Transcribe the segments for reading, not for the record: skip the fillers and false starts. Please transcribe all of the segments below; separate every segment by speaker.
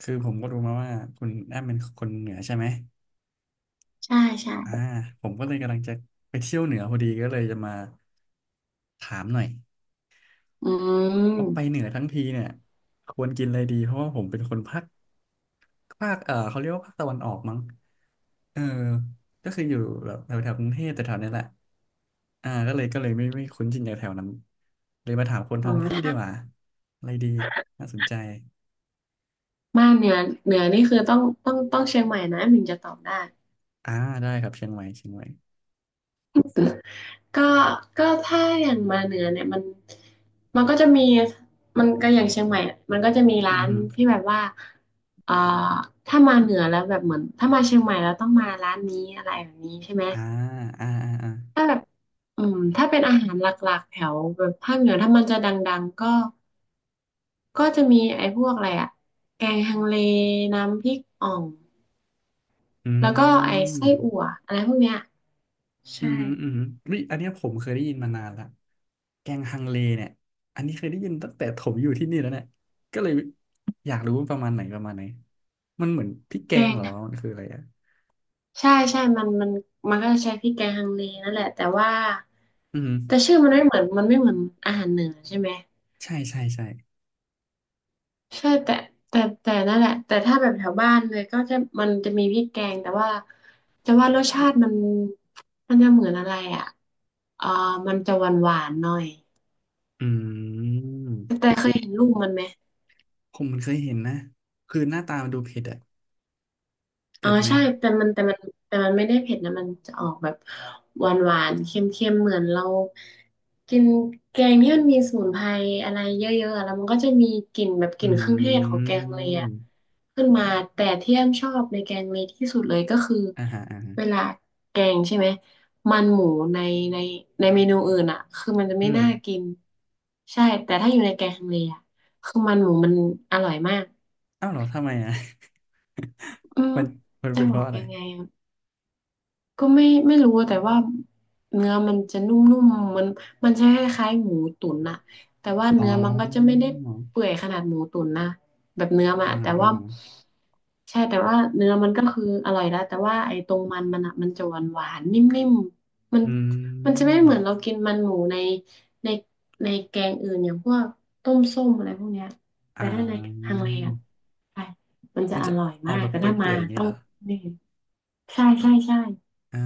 Speaker 1: คือผมก็รู้มาว่าคุณแอมเป็นคนเหนือใช่ไหม
Speaker 2: ใช่ใช่
Speaker 1: อ่าผมก็เลยกำลังจะไปเที่ยวเหนือพอดีก็เลยจะมาถามหน่อย
Speaker 2: อื
Speaker 1: ว่าไปเห
Speaker 2: ม
Speaker 1: นือทั้งทีเนี่ยควรกินอะไรดีเพราะว่าผมเป็นคนภาคเขาเรียกว่าภาคตะวันออกมั้งเออก็คืออยู่แบบแถวแถวกรุงเทพแต่แถวนี้แหละอ่าก็เลยไม่คุ้นชินกับแถวนั้นเลยมาถามคน
Speaker 2: อ๋อ
Speaker 1: ท้องที่ดี
Speaker 2: ถ้า
Speaker 1: กว่าอะไรดีน่าสนใจ
Speaker 2: บ้านเหนือเหนือนี่คือต้องเชียงใหม่นะถึงจะตอบได้
Speaker 1: อ่าได้ครับเชียงใหม่เชียงใหม่
Speaker 2: ก็ก็ถ้าอย่างมาเหนือเนี่ยมันก็จะมีมันก็อย่างเชียงใหม่อะมันก็จะมี
Speaker 1: อื
Speaker 2: ร้า
Speaker 1: อ
Speaker 2: น
Speaker 1: ฮึ
Speaker 2: ที่แบบว่าเอ่อถ้ามาเหนือแล้วแบบเหมือนถ้ามาเชียงใหม่แล้วต้องมาร้านนี้อะไรแบบนี้ใช่ไหม
Speaker 1: อ่าอ่าอ่าอ่า
Speaker 2: ถ้าแบบ อืมถ้าเป็นอาหารหลักๆแถวแบบภาคเหนือถ้ามันจะดังๆก็จะมีไอ้พวกอะไรอะแกงฮังเลน้ำพริกอ่อง
Speaker 1: อื
Speaker 2: แล้วก็ไอ้ไส้อั่ว
Speaker 1: ม
Speaker 2: อะไรพวกเนี้ย
Speaker 1: อื
Speaker 2: ใช่
Speaker 1: ม อืมวิอยอันเนี้ยผมเคยได้ยินมานานละแกงฮังเลเนี่ยอันนี้เคยได้ยินตั้งแต่ผมอยู่ที่นี่แล้วเนี่ยก็เลยอยากรู้ว่าประมาณไหนประมาณไหนมันเหมือนพริกแก
Speaker 2: แก
Speaker 1: งเห
Speaker 2: ง
Speaker 1: รอมันคืออะไรอ่ะ
Speaker 2: ใช่ใช่มันมันก็จะใช้พริกแกงฮังเลนั่นแหละแต่ว่า
Speaker 1: อืม
Speaker 2: แต่ชื่อมันไม่เหมือนมันไม่เหมือนอาหารเหนือใช่ไหม
Speaker 1: ใช่ใช่ใช่
Speaker 2: ใช่แต่นั่นแหละแต่ถ้าแบบแถวบ้านเลยก็จะมันจะมีพริกแกงแต่ว่าจะว่ารสชาติมันมันจะเหมือนอะไรอ่ะเออมันจะหวานหวานหน่อย
Speaker 1: อืม
Speaker 2: แต่เคยเห็นรูปมันไหม
Speaker 1: ผมเคยเห็นนะคือหน้าตามันดูเผ็ดอะ
Speaker 2: อ๋อ
Speaker 1: เผ็ดไหม
Speaker 2: ใช่แต่มันแต่มันไม่ได้เผ็ดนะมันจะออกแบบหวานหวานเค็มเค็มๆเหมือนเรากินแกงที่มันมีสมุนไพรอะไรเยอะๆอะแล้วมันก็จะมีกลิ่นแบบก
Speaker 1: อื
Speaker 2: ลิ่นเครื่องเทศของแกงเลยอะ
Speaker 1: ม
Speaker 2: ขึ้นมาแต่ที่แอมชอบในแกงเลยที่สุดเลยก็คือ
Speaker 1: อ่าฮะอ่าฮะ
Speaker 2: เวลาแกงใช่ไหมมันหมูในในในเมนูอื่นอะคือมันจะไม่
Speaker 1: อืม
Speaker 2: น่ากินใช่แต่ถ้าอยู่ในแกงเลยอะคือมันหมูมันอร่อยมาก
Speaker 1: อ้าวเหรอทำไมอ่ะ
Speaker 2: อืม
Speaker 1: มัน
Speaker 2: จะ
Speaker 1: เป็น
Speaker 2: บ
Speaker 1: เพ
Speaker 2: อ
Speaker 1: ราะ
Speaker 2: ก
Speaker 1: อะไร
Speaker 2: ยังไง ก็ไม่รู้แต่ว่าเนื้อมันจะนุ่มๆมันมันจะคล้ายๆหมูตุ๋นอะแต่ว่า
Speaker 1: อ๋อ
Speaker 2: เนื้อมันก็จะไม่ได้เปื่อยขนาดหมูตุ๋นนะแบบเนื้อมัน
Speaker 1: อ่า
Speaker 2: อะ
Speaker 1: ฮะ
Speaker 2: แต่
Speaker 1: อ่า
Speaker 2: ว่า
Speaker 1: ฮะ
Speaker 2: ใช่แต่ว่าเนื้อมันก็คืออร่อยแล้วแต่ว่าไอ้ตรงมันอะมันจะหวานหวานนิ่มๆมัน
Speaker 1: อื
Speaker 2: มันจะไม่เหมือน
Speaker 1: ม
Speaker 2: เรากินมันหมูในในแกงอื่นอย่างพวกต้มส้มอะไรพวกเนี้ย
Speaker 1: อ่
Speaker 2: แต่ถ้าใน
Speaker 1: า
Speaker 2: ทางเลอะใช่มันจะ
Speaker 1: มัน
Speaker 2: อ
Speaker 1: จะ
Speaker 2: ร่อย
Speaker 1: ออ
Speaker 2: มา
Speaker 1: ก
Speaker 2: ก
Speaker 1: แบบ
Speaker 2: แต่
Speaker 1: เป
Speaker 2: ถ้ามา
Speaker 1: ื่อยๆอย่างนี้
Speaker 2: ต้อ
Speaker 1: เห
Speaker 2: ง
Speaker 1: รอ
Speaker 2: นี่ใช่
Speaker 1: อ่า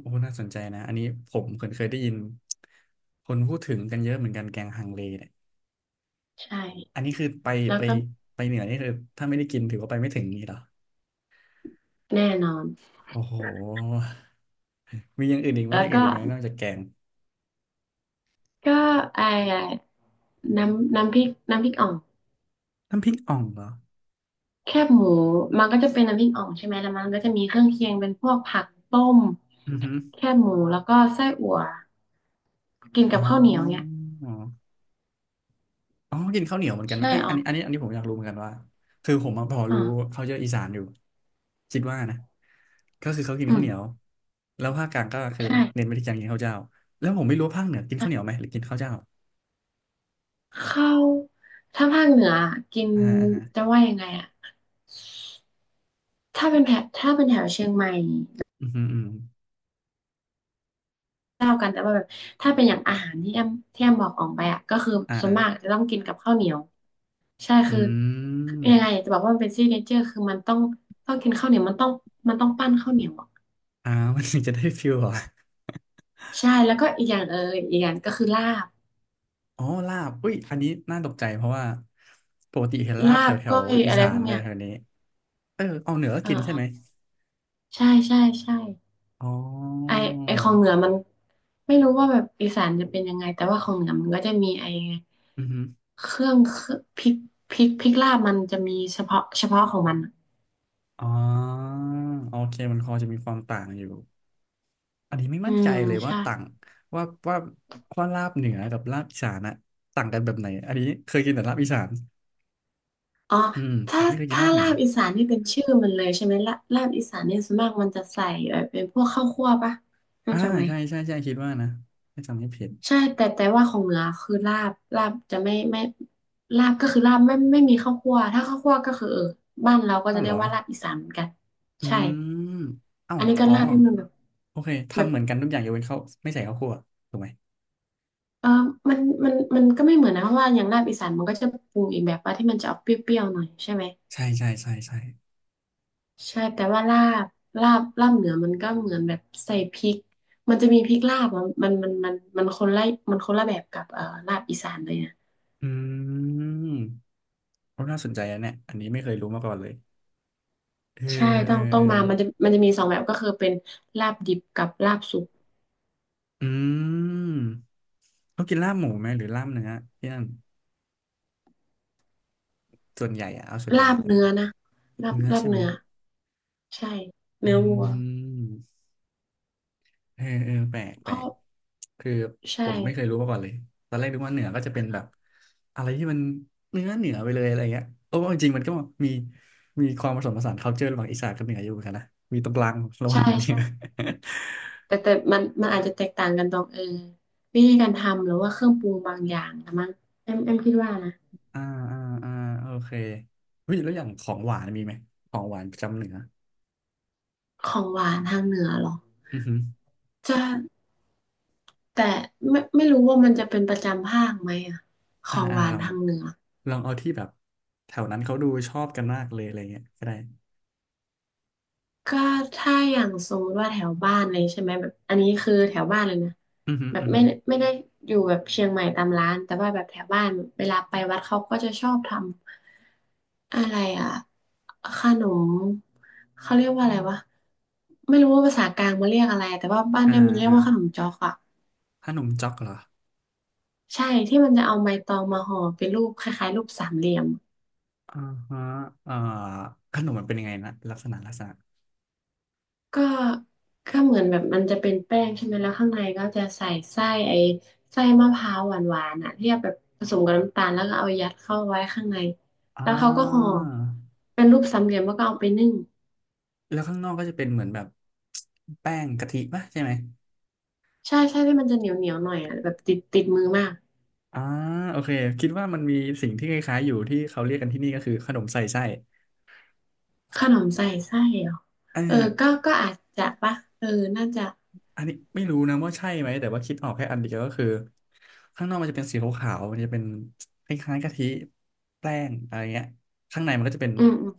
Speaker 1: โอ้น่าสนใจนะอันนี้ผมเคยได้ยินคนพูดถึงกันเยอะเหมือนกันแกงฮังเลเนี่ย
Speaker 2: ใช่
Speaker 1: อันนี้คือไป
Speaker 2: แล้ว
Speaker 1: ไป
Speaker 2: ก็
Speaker 1: ไปเหนือนี่คือถ้าไม่ได้กินถือว่าไปไม่ถึงนี่เหรอ
Speaker 2: แน่นอน
Speaker 1: โอ้โห มีอย่างอื่นอีกไหมอ
Speaker 2: แล้ว
Speaker 1: ย่างอื่
Speaker 2: ก็
Speaker 1: นอีกไหมนอกจากแกง
Speaker 2: ก็ไอ้น้ำพริกน้ำพริกอ่อง
Speaker 1: น้ำพริกอ่องเหรอ
Speaker 2: แคบหมูมันก็จะเป็นน้ำพริกอ่องใช่ไหมแล้วมันก็จะมีเครื่องเคียงเป็นพวกผักต้ม
Speaker 1: อือฮึ
Speaker 2: แคบหมูแล้วก็ไส้อั่วกิน
Speaker 1: อ๋
Speaker 2: กับข้าวเหนียวเนี่ย
Speaker 1: อ อ๋อกินข้าวเหนียวเหมือนกันไหม
Speaker 2: ใช่
Speaker 1: เอ้ย
Speaker 2: อ๋อ
Speaker 1: อันนี้อันนี้อันนี้ผมอยากรู้เหมือนกันว่าคือผมมาพอ
Speaker 2: อ๋อ
Speaker 1: รู้เขาเยอะอีสานอยู่คิดว่านะก็คือเขากิน
Speaker 2: อื
Speaker 1: ข้าวเหนียว
Speaker 2: ม
Speaker 1: แล้วภาคกลางก็คือ
Speaker 2: ใช่
Speaker 1: เน้นไปที่การกินข้าวเจ้าแล้วผมไม่รู้ว่าภาคเหนือกินข้าวเหนียว
Speaker 2: ใช่
Speaker 1: ไหมหรือกินข้าวเจ้า
Speaker 2: ข้าวถ้าภาคเหนือกิน
Speaker 1: อ่าอ่าฮะ
Speaker 2: จะว่ายังไงอะถ้าเป็นแถบถ้าเป็นแถวเชียงใหม่
Speaker 1: อืมอหืมออืม
Speaker 2: เท่าวกันแต่ว่าแบบถ้าเป็นอย่างอาหารที่แอมบอกออกไปอ่ะก็คือ
Speaker 1: อ่า
Speaker 2: ส่ว
Speaker 1: อ่า
Speaker 2: นมากจะต้องกินกับข้าวเหนียวใช่
Speaker 1: อื
Speaker 2: คือยังไงอยาก
Speaker 1: ม
Speaker 2: จะบอกว่ามันเป็นซิกเนเจอร์คือมันต้องกินข้าวเหนียวมันต้องปั้นข้าวเหนียวอ่ะ
Speaker 1: อ่ามันถึงจะได้ฟิลเหรอ
Speaker 2: ใช่แล้วก็อีกอย่างเอออีกอย่างก็คือลาบ
Speaker 1: อ๋อลาบอุ้ยอันนี้น่าตกใจเพราะว่าปกติเห็นลาบ
Speaker 2: ลา
Speaker 1: แถ
Speaker 2: บ
Speaker 1: วแถ
Speaker 2: ก้
Speaker 1: ว
Speaker 2: อย
Speaker 1: อี
Speaker 2: อะไร
Speaker 1: สา
Speaker 2: พ
Speaker 1: น
Speaker 2: วก
Speaker 1: อะไร
Speaker 2: เนี้ย
Speaker 1: แถวนี้เออเอาเหนือก็
Speaker 2: เออ
Speaker 1: กิน
Speaker 2: เอ
Speaker 1: ใช่
Speaker 2: อ
Speaker 1: ไหม
Speaker 2: ใช่ใช่
Speaker 1: อ๋
Speaker 2: ไอ
Speaker 1: อ
Speaker 2: ไอของเหนือมันไม่รู้ว่าแบบอีสานจะเป็นยังไงแต่ว่าของเหนือมันก็จะมีไอ
Speaker 1: อืม
Speaker 2: เครื่องพริกพริกลาบมันจะมีเฉพาะของมันอะ
Speaker 1: อ๋อโอเคมันพอจะมีความต่างอยู่อันนี้ไม่
Speaker 2: อื
Speaker 1: มั่นใจ
Speaker 2: ม
Speaker 1: เลยว่า
Speaker 2: ใช่
Speaker 1: ต่างว่าว่าว่าลาบเหนือกับลาบอีสานอะต่างกันแบบไหนอันนี้เคยกินแต่ลาบอีสาน
Speaker 2: อ๋อ
Speaker 1: อืมแต่
Speaker 2: ถ้า
Speaker 1: ไม่เคยกิน
Speaker 2: ถ้า
Speaker 1: ลาบเหนื
Speaker 2: ลา
Speaker 1: อ
Speaker 2: บอีสานนี่เป็นชื่อมันเลยใช่ไหมลาลาบอีสานเนี่ยส่วนมากมันจะใส่เออเป็นพวกข้าวคั่วปะรู้
Speaker 1: อ่า
Speaker 2: จักไหม
Speaker 1: ใช่ใช่ใช่คิดว่านะถ้าจำไม่ผิด
Speaker 2: ใช่แต่แต่ว่าของเหนือคือลาบลาบจะไม่ลาบก็คือลาบไม่มีข้าวคั่วถ้าข้าวคั่วก็คือเออบ้านเราก็
Speaker 1: เอ้า
Speaker 2: จะเรี
Speaker 1: เหร
Speaker 2: ย
Speaker 1: อ
Speaker 2: กว่าลาบอีสานเหมือนกัน
Speaker 1: อื
Speaker 2: ใช่
Speaker 1: มเอ้า
Speaker 2: อันนี้ก็
Speaker 1: อ๋อ
Speaker 2: ลาบที่มันแบบ
Speaker 1: โอเค
Speaker 2: แบ
Speaker 1: ทำ
Speaker 2: บ
Speaker 1: เหมือนกันทุกอย่างยกเว้นข้าวไม่ใส่ข้าวคั่วถูกไหม
Speaker 2: เออมันมันก็ไม่เหมือนนะเพราะว่าอย่างลาบอีสานมันก็จะปรุงอีกแบบว่าที่มันจะออกเปรี้ยวๆหน่อยใช่ไหม
Speaker 1: ใช่ใช่ใช่ใช่
Speaker 2: ใช่แต่ว่าบลาบลาบเหนือมันก็เหมือนแบบใส่พริกมันจะมีพริกลาบอะมันคนละมันคนละแบบกับลาบอีสานเลยนะ
Speaker 1: อืมโอ้น่าสนใจนะเนี่ยอันนี้ไม่เคยรู้มาก่อนเลยเออ
Speaker 2: ใช่
Speaker 1: เอ
Speaker 2: ต้
Speaker 1: อ
Speaker 2: องต้อ
Speaker 1: เอ
Speaker 2: ง
Speaker 1: อ
Speaker 2: มามันจะมันจะมีสองแบบก็คือเป็นลาบดิบกับลาบสุก
Speaker 1: อืม เขากินลาบหมูไหมหรือลาบเนื้อพี่อันส่วนใหญ่อะเอาส่วนใหญ่
Speaker 2: ลาบ
Speaker 1: ก็เป็น
Speaker 2: เนื้อนะลาบ
Speaker 1: เนื้อ
Speaker 2: ลาบ
Speaker 1: ใช่ไหม
Speaker 2: เนื้อใช่
Speaker 1: อื
Speaker 2: เนื้อวัว
Speaker 1: มเออเออแปลก
Speaker 2: เพ
Speaker 1: แปล
Speaker 2: ราะ
Speaker 1: กคือ
Speaker 2: ใช่
Speaker 1: ผมไม่เคยรู้มาก่อนเลยตอนแรกนึกว่าเหนือก็จะเป็นแบบอะไรที่มันเนื้อเหนือไปเลยอะไรเงี้ยโอ้จริงๆมันก็มีมีความผสมผสาน culture ระหว่างอีสานกับเหนืออยู่เหมือนกันนะมีตรงกลางระหว่า
Speaker 2: ใช่
Speaker 1: งกันเนี่
Speaker 2: ใช่
Speaker 1: ย
Speaker 2: แต่มันอาจจะแตกต่างกันตรงเออวิธีการทำหรือว่าเครื่องปรุงบางอย่างนะมั้งเอ็มคิดว่านะ
Speaker 1: อ่าอ่าอ่าโอเคเฮ้ยแล้วอย่างของหวานมีไหมของหวานประจำเหนือ
Speaker 2: ของหวานทางเหนือเหรอ
Speaker 1: อือฮึ
Speaker 2: จะ แต่ไม่รู้ว่ามันจะเป็นประจำภาคไหมอะข
Speaker 1: อ่า
Speaker 2: อง
Speaker 1: อ่า
Speaker 2: หวา
Speaker 1: ล
Speaker 2: น
Speaker 1: อง
Speaker 2: ทางเหนือ
Speaker 1: ลองเอาที่แบบแถวนั้นเขาดูชอบกันมากเลยอะไรเงี้ยก็ได้
Speaker 2: ก็ถ้าอย่างสมมติว่าแถวบ้านเลยใช่ไหมแบบอันนี้คือแถวบ้านเลยนะ
Speaker 1: อือหือ
Speaker 2: แบบ
Speaker 1: อือ
Speaker 2: ไม่
Speaker 1: หือ
Speaker 2: ไม่ได้อยู่แบบเชียงใหม่ตามร้านแต่ว่าแบบแถวบ้านเวลาไปวัดเขาก็จะชอบทำอะไรอะขนมเขาเรียกว่าอะไรวะไม่รู้ว่าภาษากลางมันเรียกอะไรแต่ว่าบ้าน
Speaker 1: อ่า
Speaker 2: เอมมันเรีย
Speaker 1: อ่า
Speaker 2: กว่าขนมจ๊อกอะ
Speaker 1: ขนมจ๊อกเหรอ
Speaker 2: ใช่ที่มันจะเอาใบตองมาห่อเป็นรูปคล้ายๆรูปสามเหลี่ยม
Speaker 1: อ่าฮะเอ่าขนมมันเป็นยังไงนะลักษณะลักษณะ
Speaker 2: ก็เหมือนแบบมันจะเป็นแป้งใช่ไหมแล้วข้างในก็จะใส่ไส้ไอ้ไส้มะพร้าวหวานๆอ่ะที่เอาแบบผสมกับน้ำตาลแล้วก็เอายัดเข้าไว้ข้างใน
Speaker 1: อ่า
Speaker 2: แล้วเขาก็ห่อเป็นรูปสามเหลี่ยมแล้วก็เอาไปนึ่ง
Speaker 1: แล้วข้างนอกก็จะเป็นเหมือนแบบแป้งกะทิป่ะใช่ไหม
Speaker 2: ใช่ใช่ที่มันจะเหนียวเหนียวหน่อยอ่ะแบบติดติดมือมาก
Speaker 1: อ่าโอเคคิดว่ามันมีสิ่งที่คล้ายๆอยู่ที่เขาเรียกกันที่นี่ก็คือขนมใส่ไส้
Speaker 2: ขนมใส่ไส้เหรอ
Speaker 1: เออ
Speaker 2: เออก็อาจจะปะเออน่าจะ
Speaker 1: อันนี้ไม่รู้นะว่าใช่ไหมแต่ว่าคิดออกแค่อันเดียวก็คือข้างนอกมันจะเป็นสีขาวๆมันจะเป็นคล้ายๆกะทิแป้งอะไรเงี้ยข้างในมันก็จะเป็น
Speaker 2: อืมอืม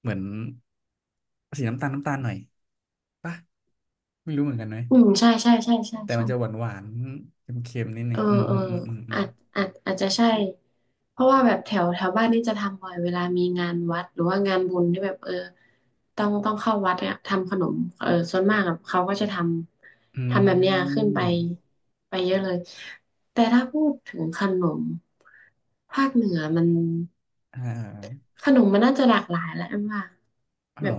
Speaker 1: เหมือนสีน้ำตาลน้ำตาลหน่อยปะไม่รู้เหมือนกันไหม
Speaker 2: อืมใช่ใช่ใช่ใช่
Speaker 1: แต่
Speaker 2: ใช่
Speaker 1: มันจะหวานหวานเค็มๆนิดนึ
Speaker 2: เออ
Speaker 1: งอืม
Speaker 2: เอ
Speaker 1: อื
Speaker 2: อ
Speaker 1: มอืมอืมอื
Speaker 2: อา
Speaker 1: ม
Speaker 2: จอาจจะใช่เพราะว่าแบบแถวแถวบ้านนี่จะทำบ่อยเวลามีงานวัดหรือว่างานบุญที่แบบเออต้องเข้าวัดเนี่ยทำขนมเออส่วนมากอะเขาก็จะท
Speaker 1: อื
Speaker 2: ำทำแบบเนี้ยขึ้นไป
Speaker 1: ม
Speaker 2: ไปเยอะเลยแต่ถ้าพูดถึงขนมภาคเหนือมัน
Speaker 1: อ่าอ่า
Speaker 2: ขนมมันน่าจะหลากหลายแหละอันว่า
Speaker 1: เอา
Speaker 2: แบ
Speaker 1: เหร
Speaker 2: บ
Speaker 1: อ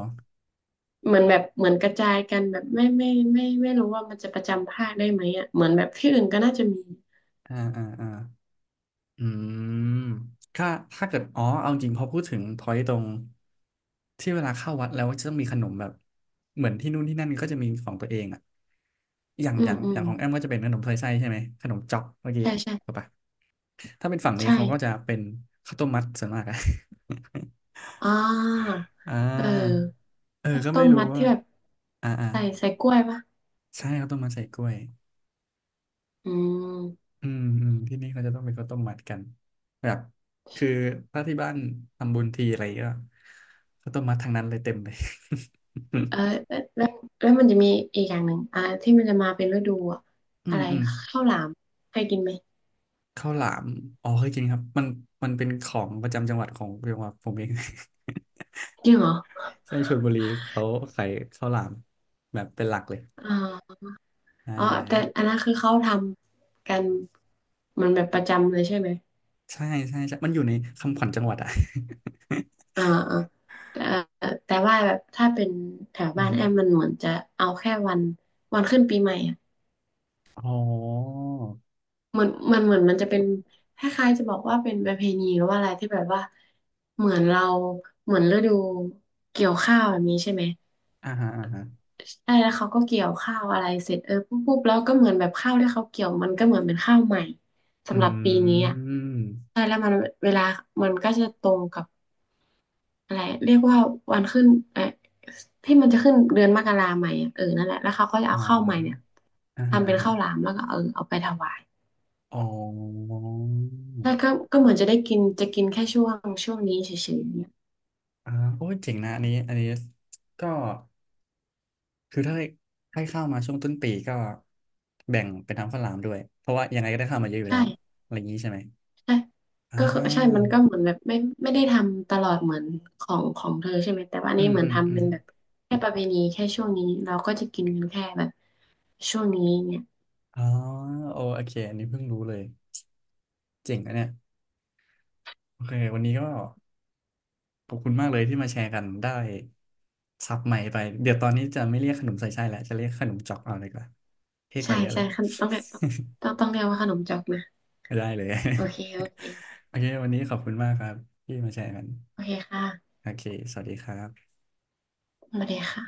Speaker 2: เหมือนกระจายกันแบบไม่รู้ว่ามันจะประจำภาคได้ไหมอ่ะเหมือนแบบที่อื่นก็น่าจะมี
Speaker 1: อ่าอ่าอ่า อืมถ้าถ้าเกิดอ๋อเอาจริงพอพูดถึงพอยตตรงที่เวลาเข้าวัดแล้วจะต้องมีขนมแบบเหมือนที่นู่นที่นั่นก็จะมีของตัวเองอะ
Speaker 2: อืมอื
Speaker 1: อย่า
Speaker 2: ม
Speaker 1: งของแอมก็จะเป็นขนมถ้วยไส้ใช่ไหมขนมจ๊อกเมื่อกี้
Speaker 2: ใช่ใช่
Speaker 1: ถูกปะถ้าเป็นฝั่งนี้
Speaker 2: ใช่
Speaker 1: เขาก็จะเป็นข้าวต้มมัดส่วนมากอะ
Speaker 2: อ่า
Speaker 1: อ่
Speaker 2: เออ
Speaker 1: าเออ
Speaker 2: ข้าว
Speaker 1: ก็
Speaker 2: ต้
Speaker 1: ไม่
Speaker 2: ม
Speaker 1: รู้
Speaker 2: มัด
Speaker 1: ว่า
Speaker 2: ที่แบบ
Speaker 1: อ่าอ่า
Speaker 2: ใส่กล้วยปะ
Speaker 1: ใช่ข้าวต้มมัดใส่กล้วย
Speaker 2: อืม
Speaker 1: อืมอืมที่นี่เขาจะต้องไปข้าวต้มมัดกันแบบคือถ้าที่บ้านทำบุญทีอะไรก็ข้าวต้มมัดทางนั้นเลยเต็มเลย
Speaker 2: เออแล้วแล้วแล้วมันจะมีอีกอย่างหนึ่งอ่าที่มันจะมาเป็นฤดูอะ
Speaker 1: อื
Speaker 2: อะ
Speaker 1: ม
Speaker 2: ไร
Speaker 1: อืม
Speaker 2: ข้าวหลามเคยกินไหม
Speaker 1: ข้าวหลามอ๋อเคยกินครับมันเป็นของประจำจังหวัดของจังหวัดผมเอง
Speaker 2: จริงเหรอ
Speaker 1: ในชลบุรีเขาขายข้าวหลามแบบเป็นหลักเลย
Speaker 2: อ่า
Speaker 1: อ่
Speaker 2: อ๋อแต่
Speaker 1: า
Speaker 2: อันนั้นคือเขาทำกันมันแบบประจำเลยใช่ไหม
Speaker 1: ใช่ใช่ใช่มันอยู่ในคำขวัญจังหวัดอ่ะ
Speaker 2: อ่าอ่าแต่แต่ว่าแบบถ้าเป็นแถว
Speaker 1: อื
Speaker 2: บ้า
Speaker 1: อ
Speaker 2: น
Speaker 1: ฮึ
Speaker 2: แอมมันเหมือนจะเอาแค่วันขึ้นปีใหม่อะ
Speaker 1: อ๋อ
Speaker 2: เหมือนมันจะเป็นคล้ายๆจะบอกว่าเป็นประเพณีหรือว่าอะไรที่แบบว่าเหมือนเราเหมือนฤดูเกี่ยวข้าวแบบนี้ใช่ไหม
Speaker 1: อ่าฮะอ่าฮะ
Speaker 2: ใช่แล้วเขาก็เกี่ยวข้าวอะไรเสร็จเออปุ๊บปุ๊บแล้วก็เหมือนแบบข้าวที่เขาเกี่ยวมันก็เหมือนเป็นข้าวใหม่
Speaker 1: อ
Speaker 2: สำหรับปี
Speaker 1: ื
Speaker 2: นี้อ่ะ
Speaker 1: ม
Speaker 2: ใช่แล้วมันเวลามันก็จะตรงกับอะไรเรียกว่าวันขึ้นเออที่มันจะขึ้นเดือนมกราใหม่อะเออนั่นแหละแล้วเขาก็จะ
Speaker 1: อ๋
Speaker 2: เอาข้าวใหม่เนี่ย
Speaker 1: ออ่าฮะ
Speaker 2: ทำเป็
Speaker 1: อ่า
Speaker 2: น
Speaker 1: ฮะ
Speaker 2: ข้าวหลามแล้วก็เออเอาไปถวาย
Speaker 1: อ๋อ
Speaker 2: ใช่ก็เหมือนจะได้กินจะกินแค่ช่วงนี้เฉยๆเนี่ย
Speaker 1: อ่าโอ้ยเจ๋งนะอันนี้อันนี้ ก็คือถ้าให้เข้ามาช่วงต้นปีก็แบ่งเป็นทางฝรั่งลามด้วย เพราะว่ายังไงก็ได้เข้ามาเยอะอยู่แล้ว
Speaker 2: ใช่
Speaker 1: อะไรอย่างนี้ใช่ไหม
Speaker 2: ใช่
Speaker 1: อ่
Speaker 2: ก็คือใช่ มัน
Speaker 1: า
Speaker 2: ก็เหมือนแบบไม่ได้ทำตลอดเหมือนของเธอใช่ไหมแต่ว่าอัน
Speaker 1: อื
Speaker 2: นี่
Speaker 1: ม
Speaker 2: เหมือ
Speaker 1: อื
Speaker 2: น
Speaker 1: มอื
Speaker 2: ทำ
Speaker 1: ม
Speaker 2: เป็นแบบแค่ประเพณีแค่ช่วงนี้เราก็จะกินกันแค่แบบช่วงนี้เนี่ย
Speaker 1: อ๋อโอโอเคอันนี้เพิ่งรู้เลยเจ๋งนะเนี่ยโอเควันนี้ก็ขอบคุณมากเลยที่มาแชร์กันได้ศัพท์ใหม่ไป เดี๋ยวตอนนี้จะไม่เรียกขนมใส่ไส้แล้ว จะเรียกขนมจอกเอาเลยดีกว่าเท่ก
Speaker 2: ใช่
Speaker 1: ว่าเยอะเล
Speaker 2: ใช่
Speaker 1: ย
Speaker 2: ขนต้องเรียกต้องเรียกว่าขนมจอกนะ
Speaker 1: ได้เลย
Speaker 2: โอเคโอเค
Speaker 1: โอเค วันนี้ขอบคุณมากครับที่มาแชร์กัน
Speaker 2: โอเคค่ะ
Speaker 1: โอเค สวัสดีครับ
Speaker 2: สวัสดีค่ะ